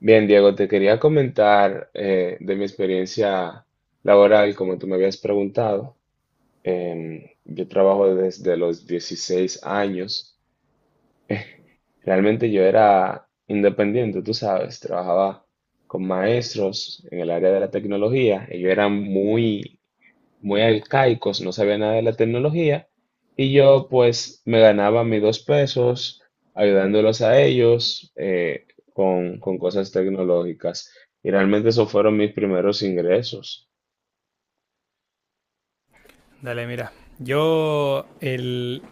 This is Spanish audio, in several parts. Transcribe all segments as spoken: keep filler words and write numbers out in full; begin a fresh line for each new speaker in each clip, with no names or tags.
Bien, Diego, te quería comentar eh, de mi experiencia laboral, como tú me habías preguntado. Em, yo trabajo desde los dieciséis años. Realmente yo era independiente, tú sabes, trabajaba con maestros en el área de la tecnología. Ellos eran muy muy arcaicos, no sabía nada de la tecnología, y yo pues me ganaba mis dos pesos ayudándolos a ellos eh, con, con cosas tecnológicas. Y realmente esos fueron mis primeros ingresos.
Dale, mira. Yo el...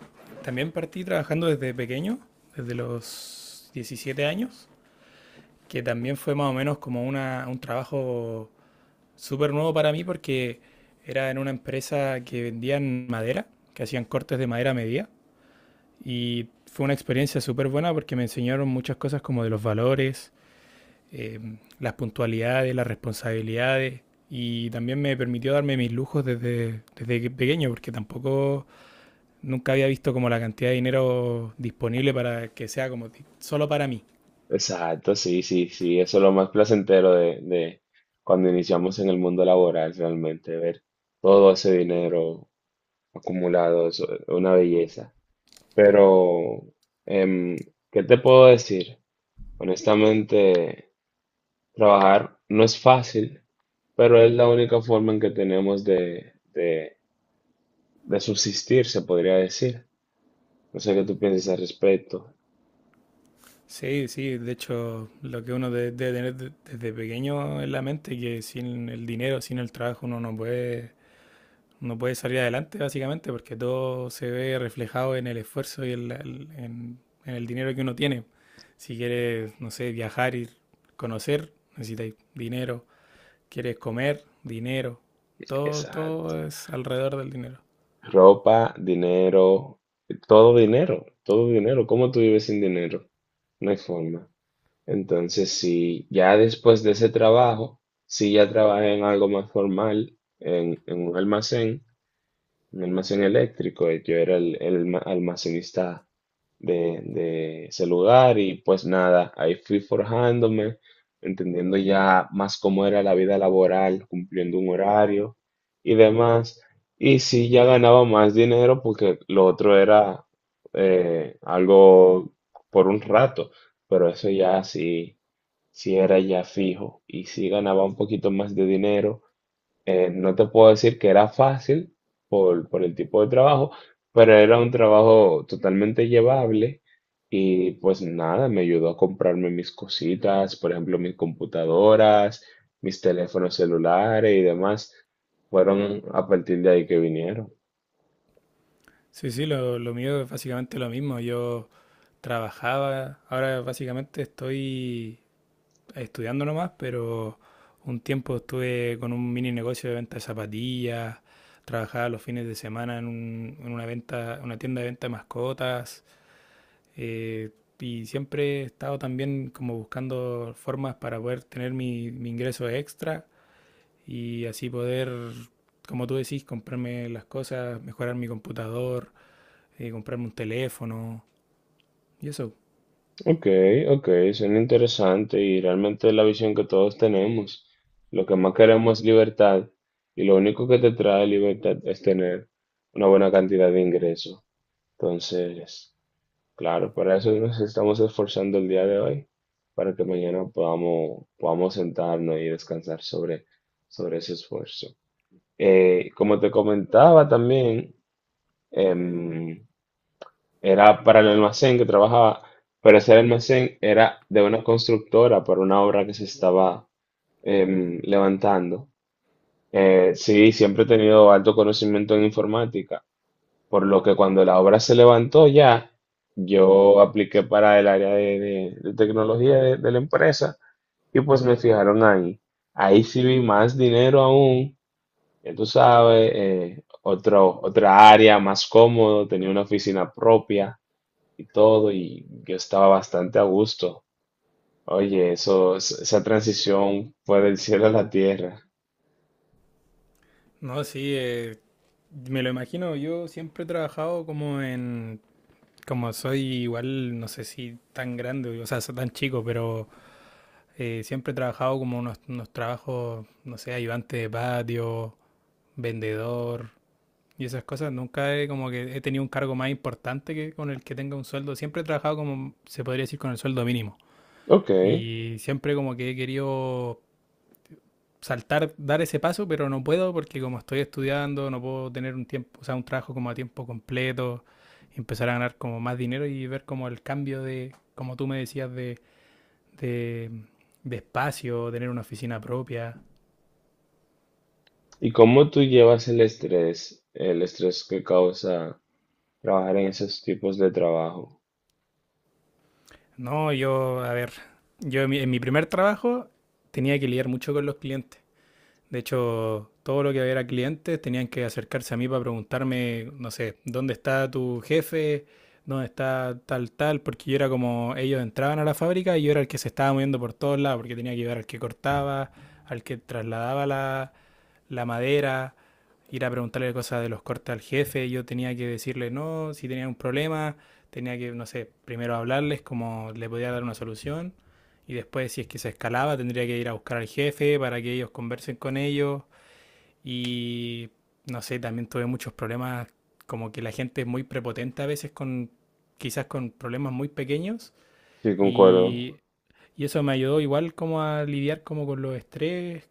también partí trabajando desde pequeño, desde los diecisiete años, que también fue más o menos como una, un trabajo súper nuevo para mí porque era en una empresa que vendían madera, que hacían cortes de madera a medida. Y fue una experiencia súper buena porque me enseñaron muchas cosas como de los valores, eh, las puntualidades, las responsabilidades. Y también me permitió darme mis lujos desde, desde que- pequeño porque tampoco nunca había visto como la cantidad de dinero disponible para que sea como solo para mí.
Exacto, sí, sí, sí, eso es lo más placentero de, de cuando iniciamos en el mundo laboral, realmente, ver todo ese dinero acumulado, es una belleza. Pero, em, ¿qué te puedo decir? Honestamente, trabajar no es fácil, pero es la única forma en que tenemos de, de, de subsistir, se podría decir. No sé qué tú piensas al respecto.
Sí, sí, de hecho, lo que uno debe tener de- desde pequeño en la mente, que sin el dinero, sin el trabajo, uno no puede, no puede salir adelante, básicamente, porque todo se ve reflejado en el esfuerzo y en, la- en- en el dinero que uno tiene. Si quieres, no sé, viajar y conocer, necesitas dinero. Quieres comer, dinero. Todo,
Exacto.
todo es alrededor del dinero.
Ropa, dinero, todo dinero, todo dinero. ¿Cómo tú vives sin dinero? No hay forma. Entonces, si ya después de ese trabajo, si ya trabajé en algo más formal, en, en un almacén, un almacén eléctrico. Y yo era el, el ma- almacenista de, de ese lugar y pues nada, ahí fui forjándome, entendiendo ya más cómo era la vida laboral, cumpliendo un horario y demás. Y sí, ya ganaba más dinero porque lo otro era eh, algo por un rato, pero eso ya sí, sí era ya fijo y sí ganaba un poquito más de dinero, eh, no te puedo decir que era fácil por, por el tipo de trabajo, pero era un trabajo totalmente llevable y pues nada, me ayudó a comprarme mis cositas, por ejemplo, mis computadoras, mis teléfonos celulares y demás. Fueron a partir de ahí que vinieron.
Sí, sí, lo, lo mío es básicamente lo mismo. Yo trabajaba, ahora básicamente estoy estudiando nomás, pero un tiempo estuve con un mini negocio de venta de zapatillas, trabajaba los fines de semana en, un- en una venta, una tienda de venta de mascotas, eh, y siempre he estado también como buscando formas para poder tener mi, mi ingreso extra y así poder, como tú decís, comprarme las cosas, mejorar mi computador, eh, comprarme un teléfono y eso.
Ok, ok, suena interesante y realmente es la visión que todos tenemos. Lo que más queremos es libertad y lo único que te trae libertad es tener una buena cantidad de ingresos. Entonces, claro, para eso nos estamos esforzando el día de hoy, para que mañana podamos, podamos sentarnos y descansar sobre, sobre ese esfuerzo. Eh, como te comentaba también, em, era para el almacén que trabajaba, pero ese almacén era de una constructora para una obra que se estaba em, levantando. Eh, sí, siempre he tenido alto conocimiento en informática. Por lo que cuando la obra se levantó ya, yo apliqué para el área de, de- de tecnología de, de la empresa y pues me fijaron ahí. Ahí sí vi más dinero aún, ya tú sabes, eh, otro, otra área más cómodo, tenía una oficina propia y todo y yo estaba bastante a gusto. Oye, eso, es- esa transición fue del cielo a la tierra.
No, sí, eh, me lo imagino. Yo siempre he trabajado como en. Como soy igual, no sé si tan grande, o sea, soy tan chico, pero eh, siempre he trabajado como unos, unos trabajos, no sé, ayudante de patio, vendedor y esas cosas. Nunca he, como que he tenido un cargo más importante que con el que tenga un sueldo. Siempre he trabajado como, se podría decir, con el sueldo mínimo.
Ok,
Y siempre como que he querido saltar, dar ese paso, pero no puedo porque como estoy estudiando, no puedo tener un tiempo, o sea, un trabajo como a tiempo completo, empezar a ganar como más dinero y ver como el cambio de, como tú me decías, de, de, de espacio, tener una oficina propia.
¿y cómo tú llevas el estrés, el estrés que causa trabajar en esos tipos de trabajo?
No, yo, a ver, yo en mi, en mi primer trabajo tenía que lidiar mucho con los clientes. De hecho, todo lo que había clientes tenían que acercarse a mí para preguntarme, no sé, ¿dónde está tu jefe? ¿Dónde está tal, tal? Porque yo era como, ellos entraban a la fábrica y yo era el que se estaba moviendo por todos lados, porque tenía que llevar al que cortaba, al que trasladaba la, la madera, ir a preguntarle cosas de los cortes al jefe, yo tenía que decirle no, si tenía un problema, tenía que, no sé, primero hablarles cómo le podía dar una solución y después si es que se escalaba tendría que ir a buscar al jefe para que ellos conversen con ellos y no sé, también tuve muchos problemas como que la gente es muy prepotente a veces con quizás con problemas muy pequeños.
Sí, concuerdo.
Y, y eso me ayudó igual como a lidiar como con los estrés,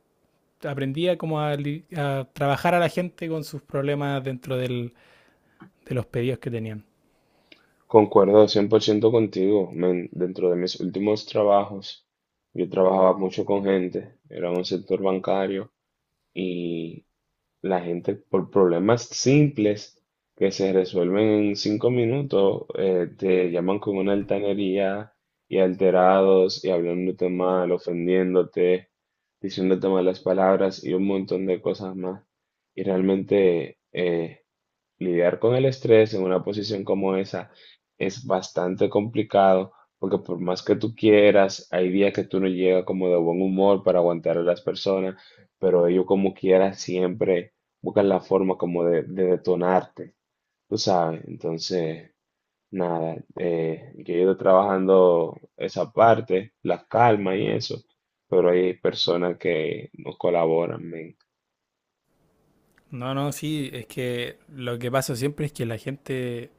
aprendía como a, a trabajar a la gente con sus problemas dentro del- de los pedidos que tenían.
Concuerdo cien por ciento contigo, men. Dentro de mis últimos trabajos, yo trabajaba mucho con gente. Era un sector bancario y la gente, por problemas simples que se resuelven en cinco minutos, eh, te llaman con una altanería y alterados y hablándote mal, ofendiéndote, diciéndote malas palabras y un montón de cosas más. Y realmente... eh, lidiar con el estrés en una posición como esa es bastante complicado porque por más que tú quieras, hay días que tú no llegas como de buen humor para aguantar a las personas, pero ellos como quiera siempre buscan la forma como de, de detonarte, tú sabes. Entonces, nada, eh, yo he ido trabajando esa parte, la calma y eso, pero hay personas que no colaboran, men.
No, no, sí, es que lo que pasa siempre es que la gente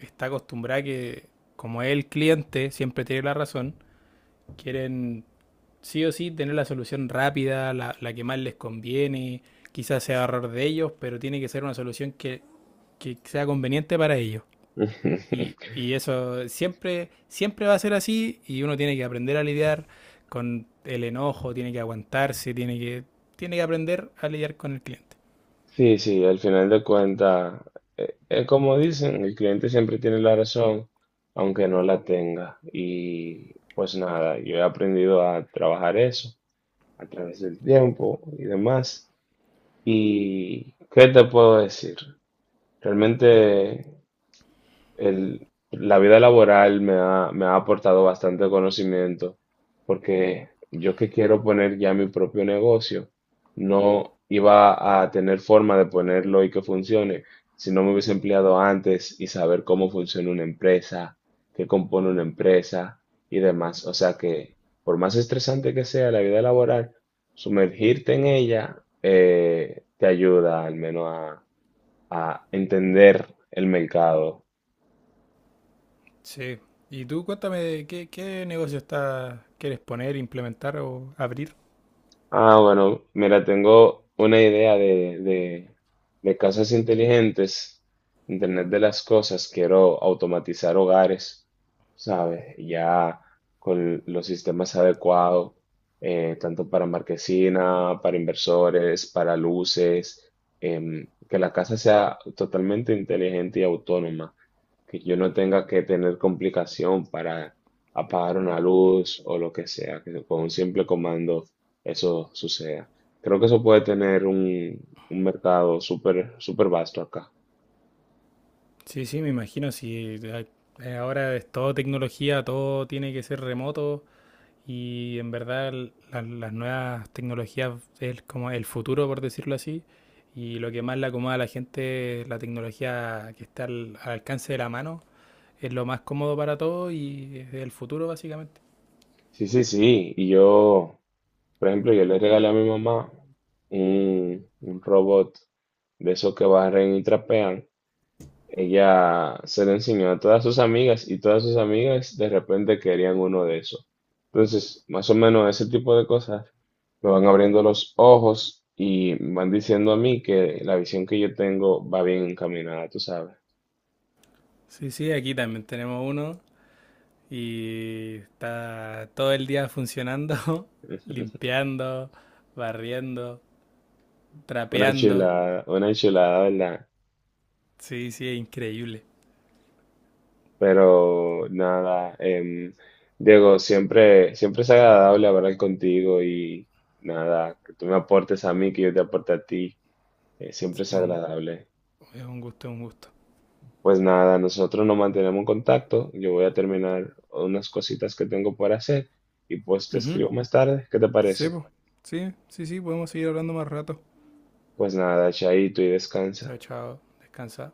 está acostumbrada que, como el cliente siempre tiene la razón, quieren sí o sí tener la solución rápida, la, la que más les conviene, quizás sea error de ellos, pero tiene que ser una solución que, que sea conveniente para ellos. Y, y eso siempre, siempre va a ser así y uno tiene que aprender a lidiar con el enojo, tiene que aguantarse, tiene que, tiene que aprender a lidiar con el cliente.
Sí, sí, al final de cuentas, eh, eh, como dicen, el cliente siempre tiene la razón, aunque no la tenga. Y pues nada, yo he aprendido a trabajar eso a través del tiempo y demás. ¿Y qué te puedo decir? Realmente el- la vida laboral me ha, me ha aportado bastante conocimiento, porque yo que quiero poner ya mi propio negocio, no iba a tener forma de ponerlo y que funcione si no me hubiese empleado antes y saber cómo funciona una empresa, qué compone una empresa y demás. O sea que, por más estresante que sea la vida laboral, sumergirte en ella eh, te ayuda al menos a a entender el mercado.
Sí. Y tú cuéntame, ¿qué, qué negocio está, quieres poner, implementar o abrir?
Ah, bueno, mira, tengo una idea de, de, de casas inteligentes, Internet de las cosas, quiero automatizar hogares, ¿sabes? Ya con los sistemas adecuados, eh, tanto para marquesina, para inversores, para luces, em, que la casa sea totalmente inteligente y autónoma, que yo no tenga que tener complicación para apagar una luz o lo que sea, que con un simple comando eso suceda. Creo que eso puede tener un, un mercado súper, súper vasto acá.
Sí, sí, me imagino, si eh, ahora es todo tecnología, todo tiene que ser remoto. Y en verdad la- las nuevas tecnologías es como el futuro, por decirlo así. Y lo que más le acomoda a la gente la tecnología que está al, al alcance de la mano. Es lo más cómodo para todos y es el futuro, básicamente.
Sí, sí, sí. Y yo, por ejemplo, yo le regalé a mi mamá un, un robot de esos que barren y trapean. Ella se lo enseñó a todas sus amigas y todas sus amigas de repente querían uno de esos. Entonces, más o menos ese tipo de cosas me van abriendo los ojos y me van diciendo a mí que la visión que yo tengo va bien encaminada, tú sabes.
Sí, sí, aquí también tenemos uno y está todo el día funcionando, limpiando, barriendo,
Una
trapeando.
chulada, una chulada, ¿verdad?
Sí, sí, es increíble.
Pero nada, em, Diego, siempre, siempre es agradable hablar contigo y nada, que tú me aportes a mí, que yo te aporte a ti, eh, siempre es
Sí, un-
agradable.
es un gusto, es un gusto.
Pues nada, nosotros nos mantenemos en contacto, yo voy a terminar unas cositas que tengo por hacer y pues te
Ujú.
escribo más tarde, ¿qué te
Sí,
parece?
po. Sí, sí, sí, podemos seguir hablando más rato.
Pues nada, chaito y descansa.
Chao, chao. Descansa.